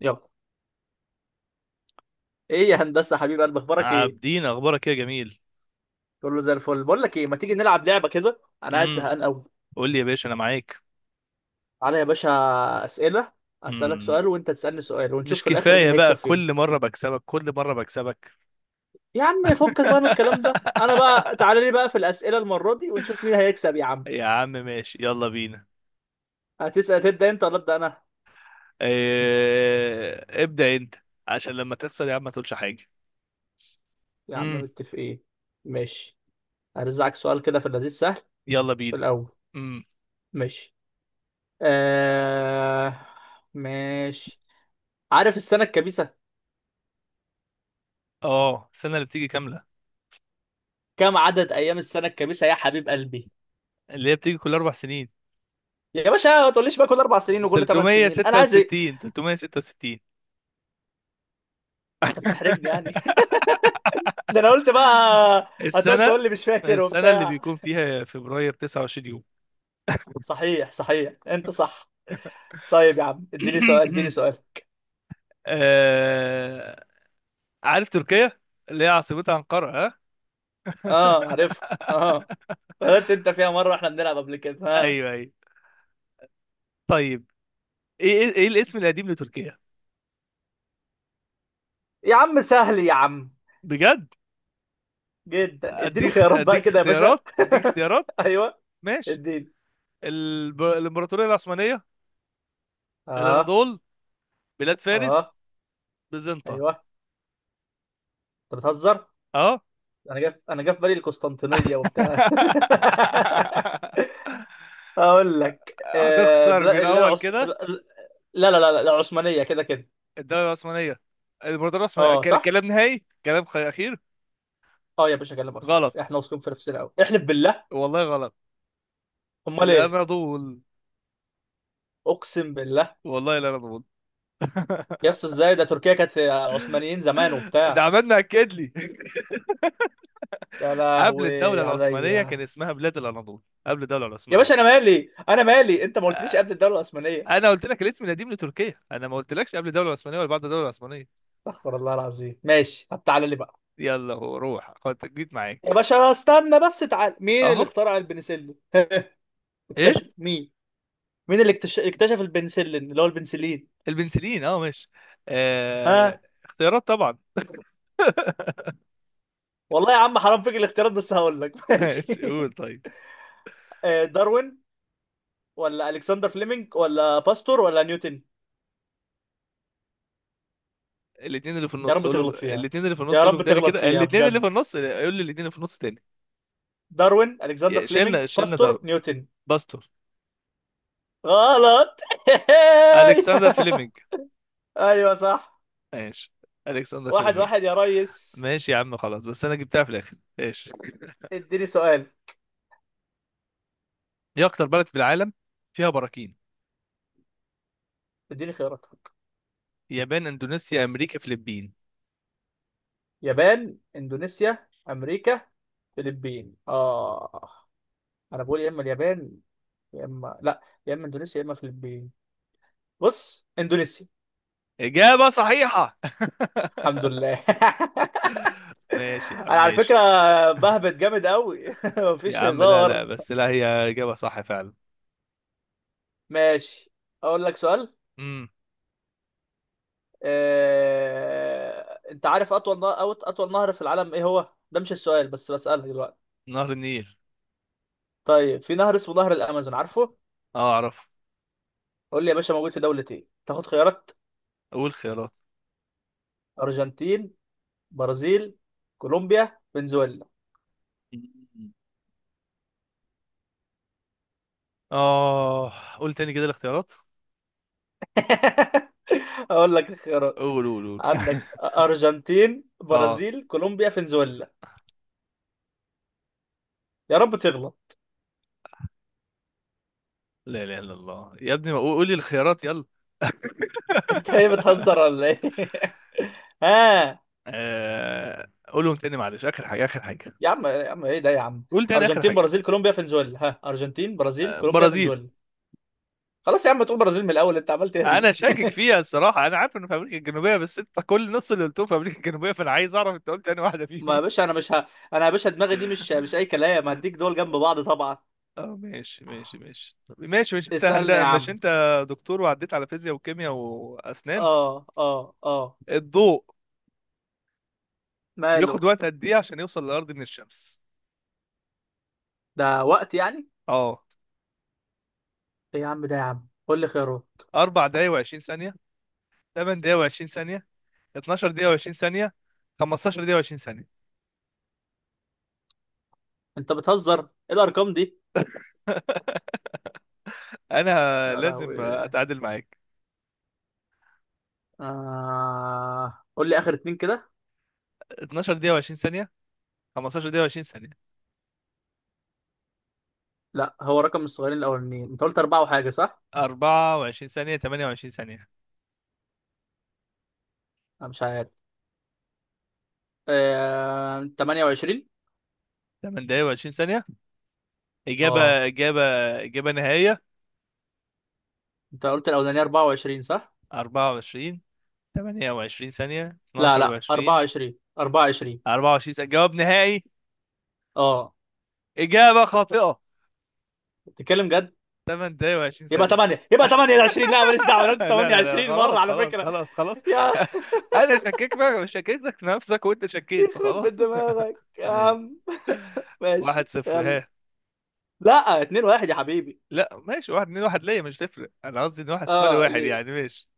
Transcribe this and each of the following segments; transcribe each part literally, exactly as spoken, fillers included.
يلا. ايه يا هندسه، حبيب قلب، اخبارك ايه؟ عابدين، اخبارك إيه يا جميل؟ كله زي الفل. بقول لك ايه، ما تيجي نلعب لعبه كده؟ انا قاعد امم زهقان قوي. قول لي يا باشا انا معاك. تعالى يا باشا، اسئله. اسالك امم سؤال وانت تسالني سؤال ونشوف مش في الاخر مين كفايه هيكسب بقى كل فين. مره بكسبك كل مره بكسبك؟ يا عم فكك بقى من الكلام ده، انا بقى تعالى لي بقى في الاسئله المره دي ونشوف مين هيكسب يا عم. يا عم ماشي، يلا بينا. هتسال تبدا انت ولا ابدا انا؟ إيه... ابدا انت، عشان لما تخسر يا عم ما تقولش حاجه. يا عم امم متفقين. ماشي. هرزعك سؤال كده في اللذيذ سهل يلا في بينا. الاول. امم ماشي. آه... ماشي. عارف السنه الكبيسه؟ اه، السنه اللي بتيجي كامله، كم عدد ايام السنه الكبيسه يا حبيب قلبي؟ اللي هي بتيجي كل اربع سنين. يا باشا ما تقوليش بقى كل اربع سنين وكل ثمان سنين، انا عايز ايه؟ ثلاثمية وستة وستين، ثلاثمية وستة وستين. انت بتحرجني يعني. ده انا قلت بقى. هتقعد السنه تقول لي مش فاكر السنه اللي وبتاع. بيكون فيها فبراير تسعة وعشرين يوم. صحيح صحيح، انت صح. طيب يا عم اديني سؤال اديني سؤال. آه، عارف تركيا؟ اللي هي عاصمتها أنقرة، ها؟ اه عارف. اه، غلطت انت فيها مره واحنا بنلعب قبل كده. ها. ايوه ايوه، طيب. ايه ايه إيه الاسم القديم لتركيا؟ يا عم سهل يا عم، بجد. جدا. اديني اديك خيارات بقى اديك كده يا باشا. اختيارات اديك اختيارات ايوه. ماشي. اديني. الب... الامبراطوريه العثمانيه، اه. الاناضول، بلاد فارس، اه. بيزنطة. ايوه. انت بتهزر. اه. انا جاف، انا جاف بالي القسطنطينيه وبتاع. اقول لك آه هتخسر من بلا... اللي الاول العص... كده. لا. لا لا لا، العثمانيه كده كده. الدوله العثمانيه، الامبراطوريه العثمانيه اه كل- صح. كلام نهائي، كلام خ- اخير. اه يا باشا كلامك خير، غلط، احنا واثقين في نفسنا قوي، احلف بالله. والله غلط. امال ايه؟ الاناضول، اقسم بالله. والله الاناضول. يا اسطى ازاي؟ ده تركيا كانت عثمانيين زمان ده وبتاع. عملنا اكد لي. يا قبل الدوله لهوي العثمانيه كان عليا. اسمها بلاد الاناضول، قبل الدوله يا باشا انا العثمانيه. مالي، انا مالي، انت ما قلتليش آه، قبل الدوله العثمانيه. انا قلت لك الاسم القديم لتركيا، انا ما قلتلكش قبل الدوله العثمانيه ولا بعد الدوله العثمانيه. استغفر الله العظيم. ماشي طب تعالى لي بقى. يلا، هو روح خد جيت يا معاك. باشا استنى بس، تعال، مين اهو. اللي اخترع البنسلين؟ ايه؟ اكتشف مين؟ مين اللي اكتش- اكتشف البنسلين، اللي هو البنسلين؟ البنسلين، اه ماشي. آه، ها. اختيارات طبعا. والله يا عم حرام فيك الاختيارات، بس هقول لك. ماشي. ماشي قول طيب. آه، داروين ولا الكسندر فليمنج ولا باستور ولا نيوتن؟ الاثنين اللي في يا النص رب قولوا، تغلط فيها. الاثنين اللي في يا النص قولهم رب تاني تغلط كده، فيها الاثنين اللي بجد. في النص قول لي الاثنين اللي في النص تاني. داروين، الكسندر يا- فليمنج، شيلنا شيلنا ده. باستور، نيوتن. باستور، غلط. الكسندر فليمنج. ايوه صح. ماشي. الكسندر واحد فليمنج. واحد يا ريس. ماشي يا عم، خلاص، بس انا جبتها في الاخر، ايش؟ اديني سؤال. ايه اكتر بلد في العالم فيها براكين؟ اديني خياراتك. يابان، اندونيسيا، امريكا، فلبين. يابان، اندونيسيا، امريكا، فلبين. اه. انا بقول يا اما اليابان، يا اما لا، يا اما اندونيسيا، يا اما فلبين. بص، اندونيسيا. اجابة صحيحة. الحمد لله. ماشي يا انا عم على ماشي. فكره بهبت جامد قوي. يا مفيش عم لا هزار. لا، بس لا، هي اجابة صح فعلا. ماشي. اقول لك سؤال. امم آه... انت عارف اطول نهر أو اطول نهر في العالم ايه هو؟ ده مش السؤال بس، بسألك دلوقتي. نهر النيل. طيب، في نهر اسمه نهر الامازون، عارفه؟ اه اعرف. قول لي يا باشا موجود في دولة ايه؟ تاخد خيارات؟ اقول خيارات؟ ارجنتين، برازيل، كولومبيا، فنزويلا. مم. اه، قول تاني كده الاختيارات. اقول لك الخيارات. قول قول قول. عندك ارجنتين، اه. برازيل، كولومبيا، فنزويلا. يا رب تغلط. لا اله الا الله يا ابني، ما قول قول لي الخيارات، يلا. انت ايه، بتهزر ولا ايه؟ ها. آه، قولهم تاني، معلش، اخر حاجة اخر حاجة. يا عم يا عم ايه ده يا عم. قول تاني اخر ارجنتين، حاجة. برازيل، كولومبيا، فنزويلا. ها. ارجنتين، برازيل، كولومبيا، برازيل. فنزويلا. خلاص يا عم، تقول برازيل من الاول، انت عمال تهري. انا شاكك فيها الصراحه، انا عارف انه في امريكا الجنوبيه، بس انت كل نص اللي قلتهم في امريكا الجنوبيه، فانا عايز اعرف انت قلت انهي واحده ما فيهم. يا باشا انا مش ه... انا يا باشا دماغي دي مش مش اي كلام. هديك دول جنب بعض طبعا. اه ماشي ماشي ماشي، طب ماشي. مش انت هند... اسألني يا مش عم. انت دكتور وعديت على فيزياء وكيمياء واسنان؟ اه اه اه. الضوء ماله. ياخد وقت قد ايه عشان يوصل للارض من الشمس؟ ده وقت يعني. اه. ايه يا عم ده يا عم، قول لي خيره. اربعة دقايق وعشرين ثانيه، ثمانية دقايق وعشرين ثانيه، اتناشر دقيقه وعشرين ثانيه، خمستاشر دقيقه وعشرين ثانيه. انت بتهزر، ايه الارقام دي؟ انا يا لازم لهوي. اتعادل معاك. آه... قول لي اخر اتنين كده. اتناشر دقيقه وعشرين ثانيه، خمستاشر دقيقه و20 ثانيه. لا، هو رقم الصغيرين الاولانيين انت قلت اربعة وحاجة، صح؟ اربعة وعشرين ثانية، ثمانية وعشرين ثانية. انا مش عارف. آه... ثمانية وعشرين. تمن دقايق و20 ثانية. اه. إجابة إجابة إجابة نهائية. انت قلت الاولانيه اربعة وعشرين، صح؟ اربعة وعشرين، ثمانية وعشرين ثانية، لا اتناشر لا، وعشرين. أربعة وعشرين أربعة وعشرين. اربعة وعشرين ثانية جواب نهائي. اه. إجابة خاطئة. بتتكلم جد؟ ثماني دقايق وعشرين يبقى ثانية. ثمانية، يبقى ثمانية وعشرين. لا ماليش دعوه، انا قلت لا لا لا لا، ثمانية وعشرين مره خلاص على خلاص فكره. خلاص خلاص. يا. أنا شككت بقى، شككتك في نفسك وأنت شكيت، يخرب فخلاص. بيت دماغك يا يعني. عم. واحد ماشي صفر، يلا. ها؟ لا، اتنين واحد يا حبيبي. لا ماشي، واحد اتنين. واحد ليا مش تفرق، أنا قصدي إن واحد صفر، اه واحد ليه. يعني. ماشي.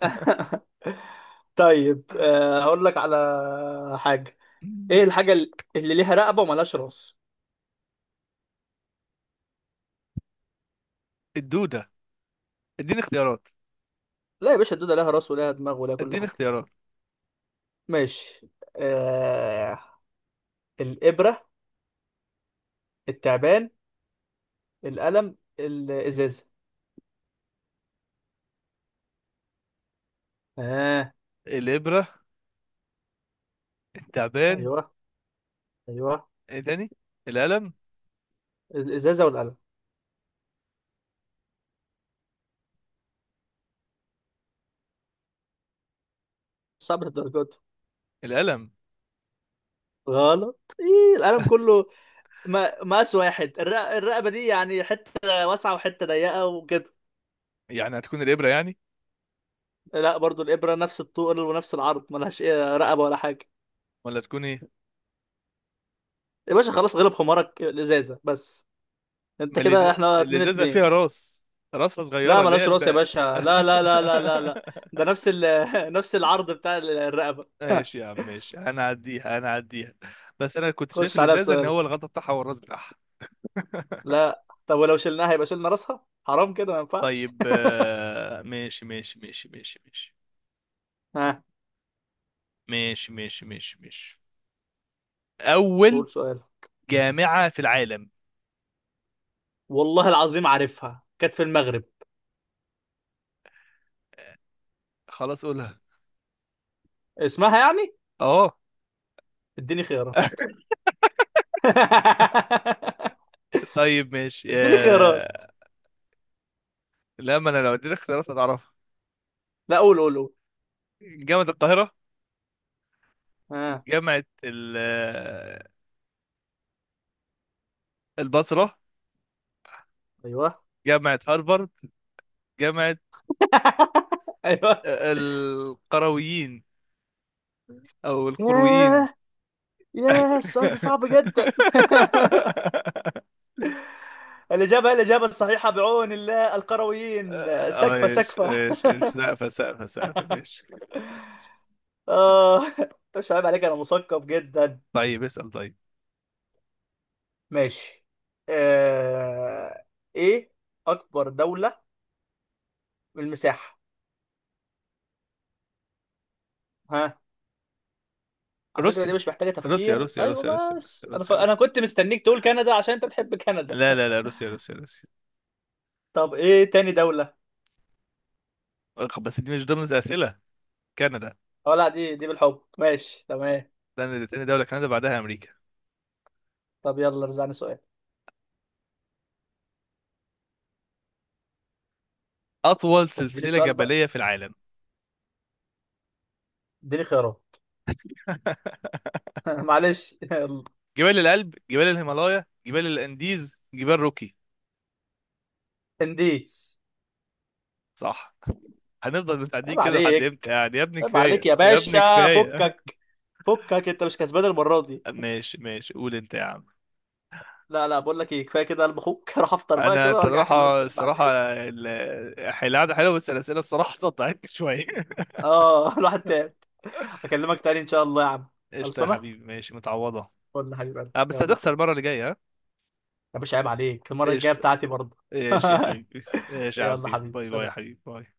طيب، آه، هقول لك على حاجه. ايه الحاجه اللي اللي ليها رقبه وملهاش راس؟ الدودة، اديني اختيارات. لا يا باشا، الدوده ليها راس وليها دماغ وليها كل اديني حاجه. اختيارات. ماشي. آه... الإبرة، التعبان، القلم، الإزازة. آه. الابره، التعبان. أيوه أيوه. ايه تاني؟ القلم. الإزازة والقلم صعب الدرجات. القلم. غلط، إيه القلم كله؟ ما مقاس واحد. الرق... الرقبة دي يعني حتة واسعة وحتة ضيقة وكده. يعني هتكون الابره يعني؟ لا برضو، الإبرة نفس الطول ونفس العرض، ملهاش إيه رقبة ولا حاجة. ولا تكون ايه؟ يا باشا خلاص، غلب حمارك، الإزازة بس. أنت ما اللز- كده إحنا اتنين الازازه اتنين. فيها راس، راسها صغيره لا اللي هي ملاش راس يا الب... باشا، لا لا لا لا لا لا. ده نفس ال... نفس العرض بتاع ال- الرقبة. ماشي يا عم ماشي، هنعديها هنعديها. بس انا كنت شايف خش عليها الازازه ان بسؤال. هو الغطا بتاعها والراس بتاعها. لا طب ولو شلناها يبقى شلنا راسها، حرام كده ما ينفعش. طيب، آه، ماشي ماشي ماشي ماشي ماشي، ها. ماشي ماشي ماشي ماشي. اول قول سؤال. جامعه في العالم. والله العظيم عارفها، كانت في المغرب. خلاص قولها. اسمها يعني. اه. اديني خيارات. طيب ماشي، اديني خيارات. آه... لا، ما انا لو اديتك اختيارات هتعرفها. لا قول قول قول. جامعة القاهرة، ها. جامعة ال... آه، البصرة، ايوه. جامعة هارفارد، جامعة ايوه. آه، القرويين، او القرويين. ياه. ياه السؤال ده صعب جدا. الإجابة، هي الإجابة الصحيحة بعون الله، القرويين، اه، سكفة ايش سكفة. ايش ايش سقفة سقفة سقفة ماشي. آه. مش عيب عليك، أنا مثقف جدا. طيب اسأل طيب. ماشي. آه... إيه أكبر دولة بالمساحة؟ ها. على فكرة دي روسيا مش محتاجة روسيا تفكير، روسيا روسيا أيوة. روسيا روسيا بس أنا ف... روسيا أنا روسيا. كنت مستنيك تقول كندا عشان أنت بتحب كندا. لا لا لا، روسيا روسيا روسيا. طب إيه تاني دولة؟ أخ، بس دي مش ضمن الأسئلة. كندا. أه لا، دي دي بالحب ماشي تمام. كندا تاني دولة، كندا بعدها أمريكا. طب يلا رزعني سؤال. أطول اديني سلسلة سؤال بقى. جبلية في العالم؟ اديني خيارات. معلش. يلا. جبال الألب، جبال الهيمالايا، جبال الأنديز، جبال روكي. انديس. صح. هنفضل متعدين عيب كده لحد امتى عليك. يعني يا ابني، عيب عليك كفاية يا يا ابني باشا، كفاية. فكك. فكك، انت مش كسبان المره دي. ماشي ماشي، قول انت يا عم. لا لا، بقول لك ايه، كفايه كده قلب اخوك. اروح افطر بقى انا كده انت وارجع اكلمك الصراحة تاني الصراحة، بعدين. ال- القعدة حلوة، بس الأسئلة الصراحة قطعتني شوية. اه. الواحد تاني. اكلمك تاني ان شاء الله يا عم. قشطة يا خلصانه. حبيبي، ماشي، متعوضة. قول حبيب قلبي، أه، بس يلا يا هتخسر اخويا. المرة اللي جاية، ها؟ يا باشا عيب عليك، المره الجايه قشطة، بتاعتي برضه. ماشي يا حبيبي. ماشي يا يلا عبدين، حبيبي، باي باي يا سلام. حبيبي، باي.